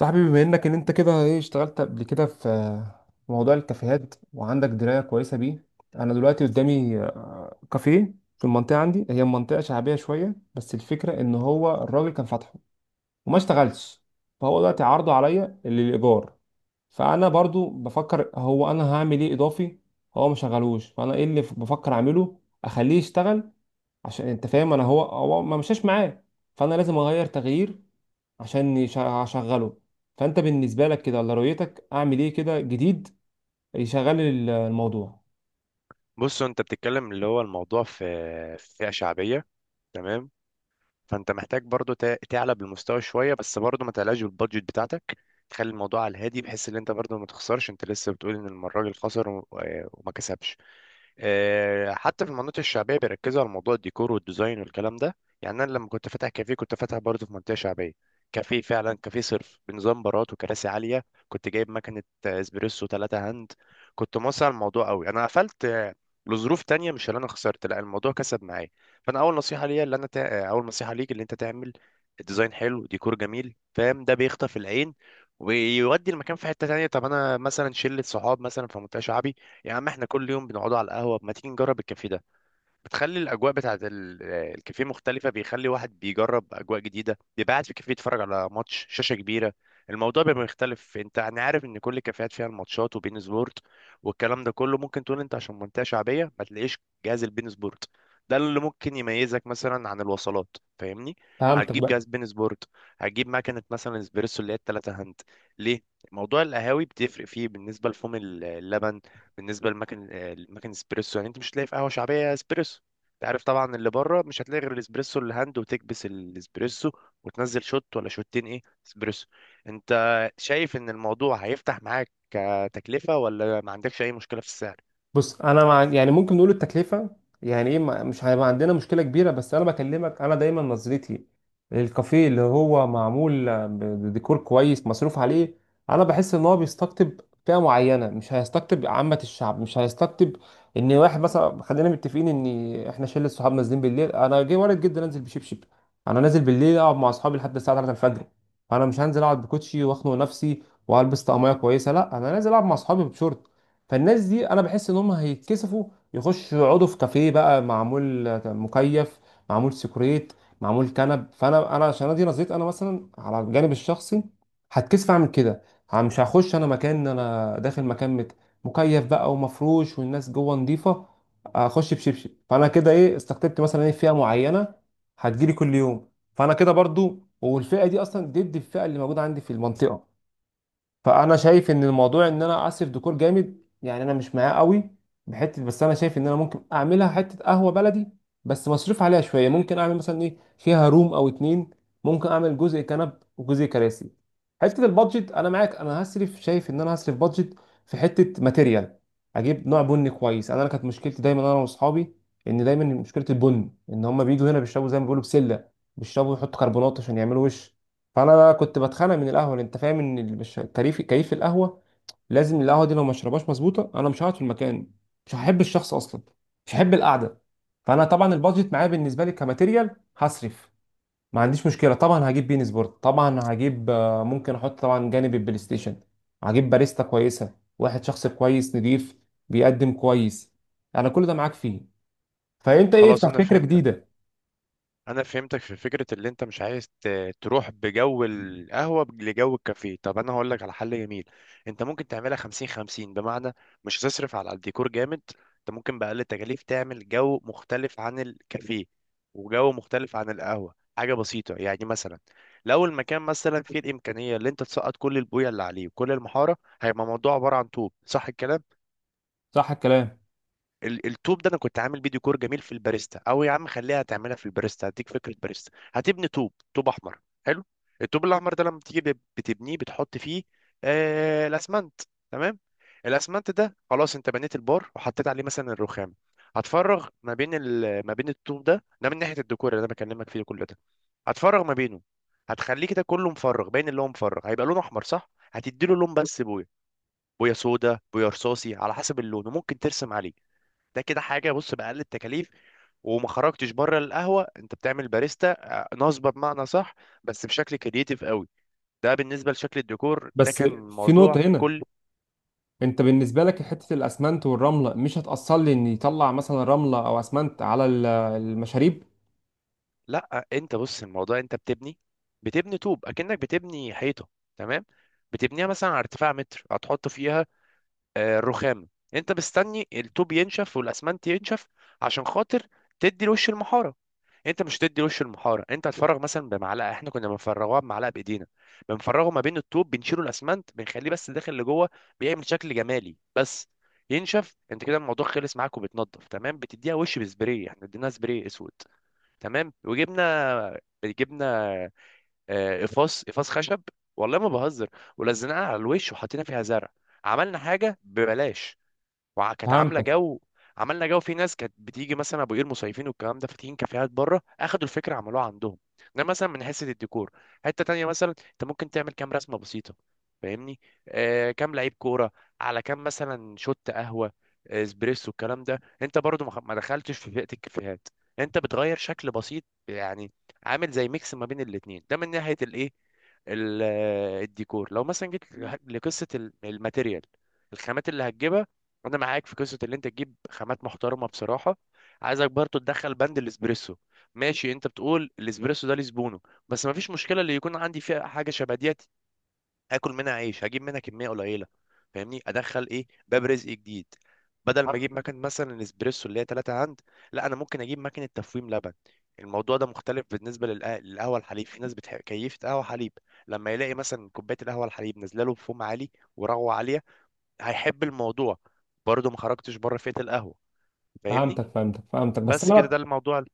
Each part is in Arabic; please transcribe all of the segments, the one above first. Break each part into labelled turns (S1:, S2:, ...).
S1: صاحبي، بما انك انت كده ايه اشتغلت قبل كده في موضوع الكافيهات وعندك درايه كويسه بيه. انا دلوقتي قدامي كافيه في المنطقه، عندي هي منطقه شعبيه شويه، بس الفكره ان هو الراجل كان فاتحه وما اشتغلش. فهو دلوقتي عرضه عليا اللي للايجار. فانا برضو بفكر، هو انا هعمل ايه اضافي؟ هو ما شغلوش، فانا ايه اللي بفكر اعمله اخليه يشتغل؟ عشان انت فاهم انا هو ما مشاش معاه. فانا لازم اغير تغيير عشان اشغله. فانت بالنسبه لك كده، ولا رؤيتك اعمل ايه كده جديد يشغل الموضوع؟
S2: بص، انت بتتكلم اللي هو الموضوع في فئة شعبية. تمام. فانت محتاج برضو تعلى بالمستوى شوية، بس برضو ما تعلاش بالبادجت بتاعتك. تخلي الموضوع على الهادي، بحيث ان انت برضو ما تخسرش. انت لسه بتقول ان الراجل خسر وما كسبش. حتى في المناطق الشعبيه بيركزوا على موضوع الديكور والديزاين والكلام ده. يعني انا لما كنت فاتح كافيه، كنت فاتح برضه في منطقه شعبيه. كافيه، فعلا كافيه صرف، بنظام بارات وكراسي عاليه. كنت جايب مكنه اسبريسو ثلاثة هاند. كنت موسع الموضوع قوي. انا قفلت لظروف تانية، مش اللي انا خسرت، لا، الموضوع كسب معايا. فانا اول نصيحه ليا اللي انا تع... اول نصيحه ليك اللي انت تعمل ديزاين حلو، ديكور جميل، فاهم؟ ده بيخطف العين ويودي المكان في حته تانية. طب انا مثلا شله صحاب مثلا في منطقه شعبي، يا عم احنا كل يوم بنقعدوا على القهوة، ما تيجي نجرب الكافيه ده. بتخلي الأجواء بتاعة الكافيه مختلفة، بيخلي واحد بيجرب أجواء جديدة، بيبقى قاعد في كافيه يتفرج على ماتش شاشة كبيرة. الموضوع بيبقى مختلف. انت انا عارف ان كل الكافيهات فيها الماتشات وبين سبورت والكلام ده كله. ممكن تقول انت عشان منطقة شعبية ما تلاقيش جهاز البين سبورت. ده اللي ممكن يميزك مثلا عن الوصلات. فاهمني؟
S1: فهمتك
S2: هتجيب
S1: بقى.
S2: جهاز بين سبورت، هتجيب مكنة مثلا اسبريسو اللي هي التلاتة هند. ليه؟ موضوع القهاوي بتفرق فيه بالنسبة لفوم اللبن. بالنسبه لمكن، المكن اسبريسو، يعني انت مش هتلاقي في قهوه شعبيه اسبريسو. انت عارف طبعا اللي بره مش هتلاقي غير الاسبريسو اللي هاند، وتكبس الاسبريسو وتنزل شوت ولا شوتين، ايه اسبريسو. انت شايف ان الموضوع هيفتح معاك كتكلفه، ولا ما عندكش اي مشكله في السعر؟
S1: بص، انا مع، يعني ممكن نقول التكلفه، يعني ايه، مش هيبقى عندنا مشكله كبيره. بس انا بكلمك، انا دايما نظرتي للكافيه اللي هو معمول بديكور كويس مصروف عليه، انا بحس ان هو بيستقطب فئه معينه، مش هيستقطب عامه الشعب، مش هيستقطب ان واحد مثلا. خلينا متفقين ان احنا شله صحاب نازلين بالليل، انا جاي وارد جدا انزل بشبشب. انا نازل بالليل اقعد مع اصحابي لحد الساعه 3 الفجر، فانا مش هنزل اقعد بكوتشي واخنق نفسي والبس طقميه كويسه، لا انا نازل العب مع اصحابي بشورت. فالناس دي انا بحس ان هم هيتكسفوا يخشوا يقعدوا في كافيه بقى معمول مكيف، معمول سيكوريت، معمول كنب. فانا، انا عشان ادي نظريت انا مثلا على الجانب الشخصي، هتكسف اعمل كده. مش هخش انا مكان، انا داخل مكان مكيف بقى ومفروش والناس جوه نظيفه، اخش بشبشب. فانا كده ايه، استقطبت مثلا ايه، فئه معينه هتجيلي كل يوم؟ فانا كده برضو، والفئه دي اصلا ضد الفئه اللي موجوده عندي في المنطقه. فانا شايف ان الموضوع ان انا اصرف ديكور جامد، يعني انا مش معاه قوي بحته. بس انا شايف ان انا ممكن اعملها حته قهوه بلدي بس مصروف عليها شويه. ممكن اعمل مثلا ايه، فيها روم او اتنين، ممكن اعمل جزء كنب وجزء كراسي. حته البادجت، انا معاك، انا هصرف، شايف ان انا هصرف بادجت في حته ماتيريال، اجيب نوع بني كويس. انا كانت مشكلتي دايما انا واصحابي، ان دايما مشكله البن، ان هم بيجوا هنا بيشربوا زي ما بيقولوا بسله، بيشربوا يحطوا كربونات عشان يعملوا وش. فانا بقى كنت بتخانق من القهوه، لأن انت فاهم ان مش كيف كيف القهوه. لازم القهوه دي لو ما اشربهاش مظبوطه، انا مش هقعد في المكان، مش هحب الشخص اصلا، مش هحب القعده. فانا طبعا البادجت معايا، بالنسبه لي كماتيريال هصرف، ما عنديش مشكله. طبعا هجيب بين سبورت، طبعا هجيب، ممكن احط طبعا جانب البلاي ستيشن. هجيب باريستا كويسه، واحد شخص كويس نضيف، بيقدم كويس. انا كل ده معاك فيه. فانت ايه،
S2: خلاص
S1: افتح
S2: انا
S1: فكره
S2: فهمتك.
S1: جديده.
S2: انا فهمتك في فكره اللي انت مش عايز تروح بجو القهوه لجو الكافيه. طب انا هقول لك على حل جميل. انت ممكن تعملها 50 50، بمعنى مش هتصرف على الديكور جامد. انت ممكن باقل التكاليف تعمل جو مختلف عن الكافيه وجو مختلف عن القهوه. حاجه بسيطه يعني، مثلا لو المكان مثلا فيه الامكانيه اللي انت تسقط كل البويه اللي عليه وكل المحاره، هيبقى الموضوع عباره عن طوب. صح الكلام.
S1: صح الكلام.
S2: التوب ده، انا كنت عامل فيديو كور جميل في الباريستا، او يا عم خليها تعملها في الباريستا، هديك فكره. باريستا هتبني توب، توب احمر. حلو. التوب الاحمر ده لما تيجي بتبنيه بتحط فيه آه، الاسمنت. تمام. الاسمنت ده، خلاص انت بنيت البار وحطيت عليه مثلا الرخام. هتفرغ ما بين الطوب ده، من ناحيه الديكور اللي انا بكلمك فيه، كل ده هتفرغ ما بينه. هتخليه كده كله مفرغ، باين اللي هو مفرغ، هيبقى لونه احمر صح. هتديله لون، بس بويا، بويا سودا، بويا رصاصي، على حسب اللون، وممكن ترسم عليه. ده كده حاجه، بص، باقل التكاليف وما خرجتش بره القهوه. انت بتعمل باريستا نصبه، بمعنى صح، بس بشكل كرييتيف قوي. ده بالنسبه لشكل الديكور، ده
S1: بس
S2: كان
S1: في
S2: موضوع
S1: نقطه هنا،
S2: كل.
S1: انت بالنسبه لك حته الاسمنت والرمله مش هتاثر لي ان يطلع مثلا رمله او اسمنت على المشاريب؟
S2: لا، انت بص، الموضوع انت بتبني طوب، اكنك بتبني حيطه. تمام. بتبنيها مثلا على ارتفاع متر، هتحط فيها الرخام. انت مستني الطوب ينشف والاسمنت ينشف عشان خاطر تدي الوش المحاره. انت مش تدي وش المحاره، انت هتفرغ مثلا بمعلقه. احنا كنا بنفرغوها بمعلقه بايدينا، بنفرغه ما بين الطوب، بنشيله الاسمنت، بنخليه بس داخل لجوه. بيعمل شكل جمالي بس. ينشف، انت كده الموضوع خلص معاك وبتنضف. تمام، بتديها وش بسبراي. احنا اديناها سبراي اسود. تمام، وجبنا جبنا قفاص خشب. والله ما بهزر. ولزقناها على الوش وحطينا فيها زرع. عملنا حاجه ببلاش، وكانت عامله
S1: فهمتك،
S2: جو. عملنا جو. في ناس كانت بتيجي مثلا ابو قير مصيفين والكلام ده، فاتحين كافيهات بره، اخدوا الفكره عملوها عندهم. ده مثلا من حيث الديكور. حته تانية مثلا، انت ممكن تعمل كام رسمه بسيطه، فاهمني؟ كام لعيب كوره على كام مثلا شوت قهوه اسبريسو، الكلام ده. انت برضو ما دخلتش في فئه الكافيهات، انت بتغير شكل بسيط يعني، عامل زي ميكس ما بين الاتنين. ده من ناحيه الايه، ال- الديكور. لو مثلا جيت لقصه الماتيريال، الخامات اللي هتجيبها، انا معاك في قصه اللي انت تجيب خامات محترمه بصراحه. عايزك برضو تدخل بند الاسبريسو. ماشي، انت بتقول الاسبريسو ده لزبونه، بس مفيش مشكله. اللي يكون عندي فيها حاجه شبه ديت، هاكل منها عيش، هجيب منها كميه قليله، فاهمني؟ ادخل ايه، باب رزق جديد. بدل ما اجيب مكنه مثلا الاسبريسو اللي هي 3 عند، لا، انا ممكن اجيب مكنه تفويم لبن. الموضوع ده مختلف بالنسبه للقهوه الحليب. في ناس بتحب كيفة قهوه حليب، لما يلاقي مثلا كوبايه القهوه الحليب نازله له بفوم عالي ورغوه عاليه، هيحب الموضوع. برضه ما خرجتش بره فئة القهوة، فاهمني؟
S1: فهمتك، فهمتك، فهمتك. بس
S2: بس كده،
S1: انا،
S2: ده الموضوع.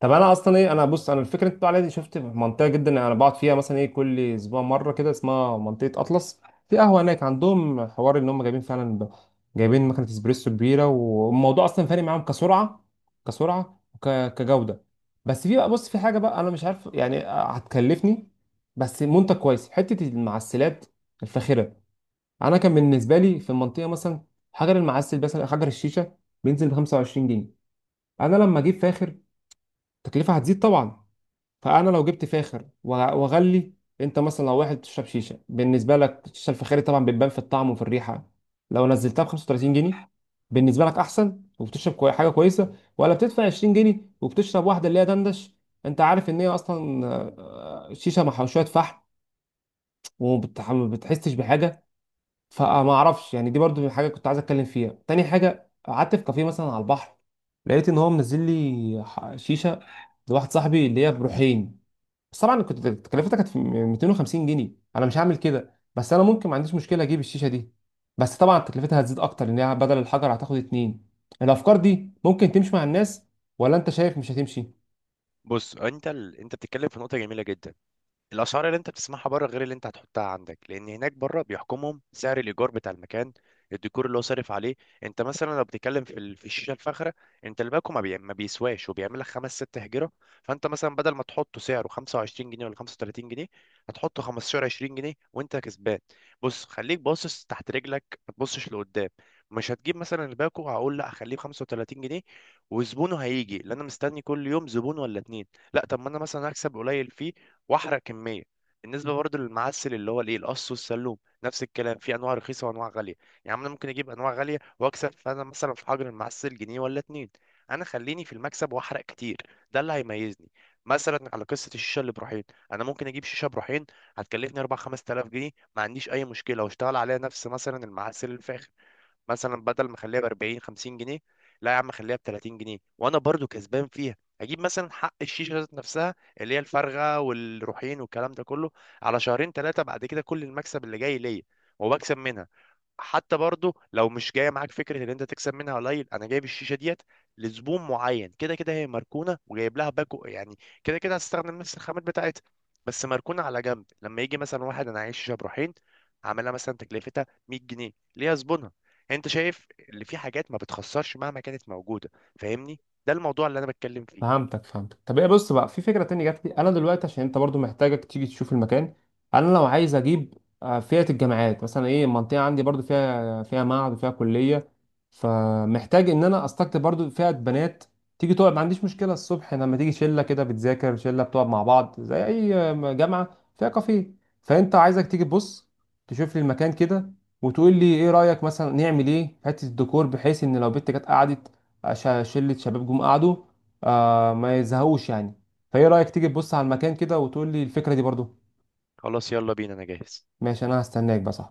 S1: طب انا اصلا ايه، انا بص، انا الفكره اللي انت بتقول عليها دي شفت في منطقه، جدا انا بقعد فيها مثلا ايه كل اسبوع مره كده، اسمها منطقه اطلس. في قهوه هناك عندهم حوار ان هم جايبين فعلا جايبين مكنه اسبريسو كبيره، والموضوع اصلا فارق معاهم كسرعه، كسرعه كجوده. بس في بقى، بص، في حاجه بقى انا مش عارف، يعني هتكلفني، بس منتج كويس، حته المعسلات الفاخره. انا كان بالنسبه لي في المنطقه مثلا، حجر المعسل مثلا، حجر الشيشه، بينزل ب 25 جنيه. انا لما اجيب فاخر، التكلفه هتزيد طبعا. فانا لو جبت فاخر واغلي، انت مثلا لو واحد بتشرب شيشه، بالنسبه لك الشيشه الفخاري طبعا بتبان في الطعم وفي الريحه. لو نزلتها ب 35 جنيه، بالنسبه لك احسن، وبتشرب كوي حاجه كويسه، ولا بتدفع 20 جنيه وبتشرب واحده اللي هي دندش؟ انت عارف ان هي اصلا شيشه مع شويه فحم، ما بتحسش بحاجه. فما اعرفش يعني، دي برضو حاجه كنت عايز اتكلم فيها. تاني حاجه، قعدت في كافيه مثلا على البحر، لقيت ان هو منزل لي شيشه لواحد صاحبي اللي هي بروحين. بس طبعا كنت تكلفتها كانت في 250 جنيه، انا مش هعمل كده، بس انا ممكن ما عنديش مشكله اجيب الشيشه دي، بس طبعا تكلفتها هتزيد اكتر، لان هي بدل الحجر هتاخد اتنين. الافكار دي ممكن تمشي مع الناس، ولا انت شايف مش هتمشي؟
S2: بص، انت انت بتتكلم في نقطة جميلة جدا. الاسعار اللي انت بتسمعها بره غير اللي انت هتحطها عندك، لان هناك بره بيحكمهم سعر الايجار بتاع المكان، الديكور اللي هو صارف عليه. انت مثلا لو بتتكلم في الشيشه الفاخره، انت الباكو ما بيسواش، وبيعمل لك خمس ست هجره. فانت مثلا بدل ما تحطه سعره 25 جنيه ولا 35 جنيه، هتحطه 15 20 جنيه وانت كسبان. بص، خليك باصص تحت رجلك، ما تبصش لقدام. مش هتجيب مثلا الباكو، هقول لا هخليه ب 35 جنيه وزبونه هيجي، لان انا مستني كل يوم زبون ولا اتنين. لا، طب ما انا مثلا هكسب قليل فيه واحرق كميه. بالنسبه برضه للمعسل، اللي هو الايه، القص والسلوم، نفس الكلام، في انواع رخيصه وانواع غاليه. يعني انا ممكن اجيب انواع غاليه واكسب. فانا مثلا في حجر المعسل جنيه ولا اتنين، انا خليني في المكسب واحرق كتير. ده اللي هيميزني. مثلا على قصه الشيشه اللي بروحين، انا ممكن اجيب شيشه بروحين هتكلفني 4 5000 جنيه، ما عنديش اي مشكله واشتغل عليها. نفس مثلا المعسل الفاخر، مثلا بدل ما اخليها ب 40 50 جنيه، لا يا عم خليها ب 30 جنيه وانا برضو كسبان فيها. اجيب مثلا حق الشيشه ذات نفسها، اللي هي الفارغه والروحين والكلام ده كله، على شهرين ثلاثه بعد كده كل المكسب اللي جاي ليا وبكسب منها. حتى برضو لو مش جايه معاك فكره ان انت تكسب منها قليل، انا جايب الشيشه ديت لزبون معين. كده كده هي مركونه وجايب لها باكو يعني، كده كده هستخدم نفس الخامات بتاعتها، بس مركونه على جنب. لما يجي مثلا واحد، انا عايز شيشه بروحين، عاملها مثلا تكلفتها 100 جنيه، ليها زبونها. انت شايف؟ اللي في حاجات ما بتخسرش مهما كانت موجوده، فاهمني؟ ده الموضوع اللي انا بتكلم فيه.
S1: فهمتك، فهمتك. طب ايه، بص بقى، في فكره تانية جات لي انا دلوقتي، عشان انت برضو محتاجك تيجي تشوف المكان. انا لو عايز اجيب فئه الجامعات مثلا ايه، المنطقه عندي برضو فيها معهد وفيها كليه. فمحتاج ان انا استقطب برضو فئه بنات تيجي تقعد، ما عنديش مشكله، الصبح لما تيجي شله كده بتذاكر، شله بتقعد مع بعض زي اي جامعه فيها كافيه. فانت عايزك تيجي تبص تشوف لي المكان كده، وتقول لي ايه رايك مثلا نعمل ايه في حته الديكور، بحيث ان لو بنت جت قعدت، شله شباب جم قعدوا، ما يزهقوش يعني. فايه رأيك تيجي تبص على المكان كده وتقول لي الفكرة دي برضو؟
S2: خلاص، يلا بينا، انا جاهز.
S1: ماشي، انا هستناك بس.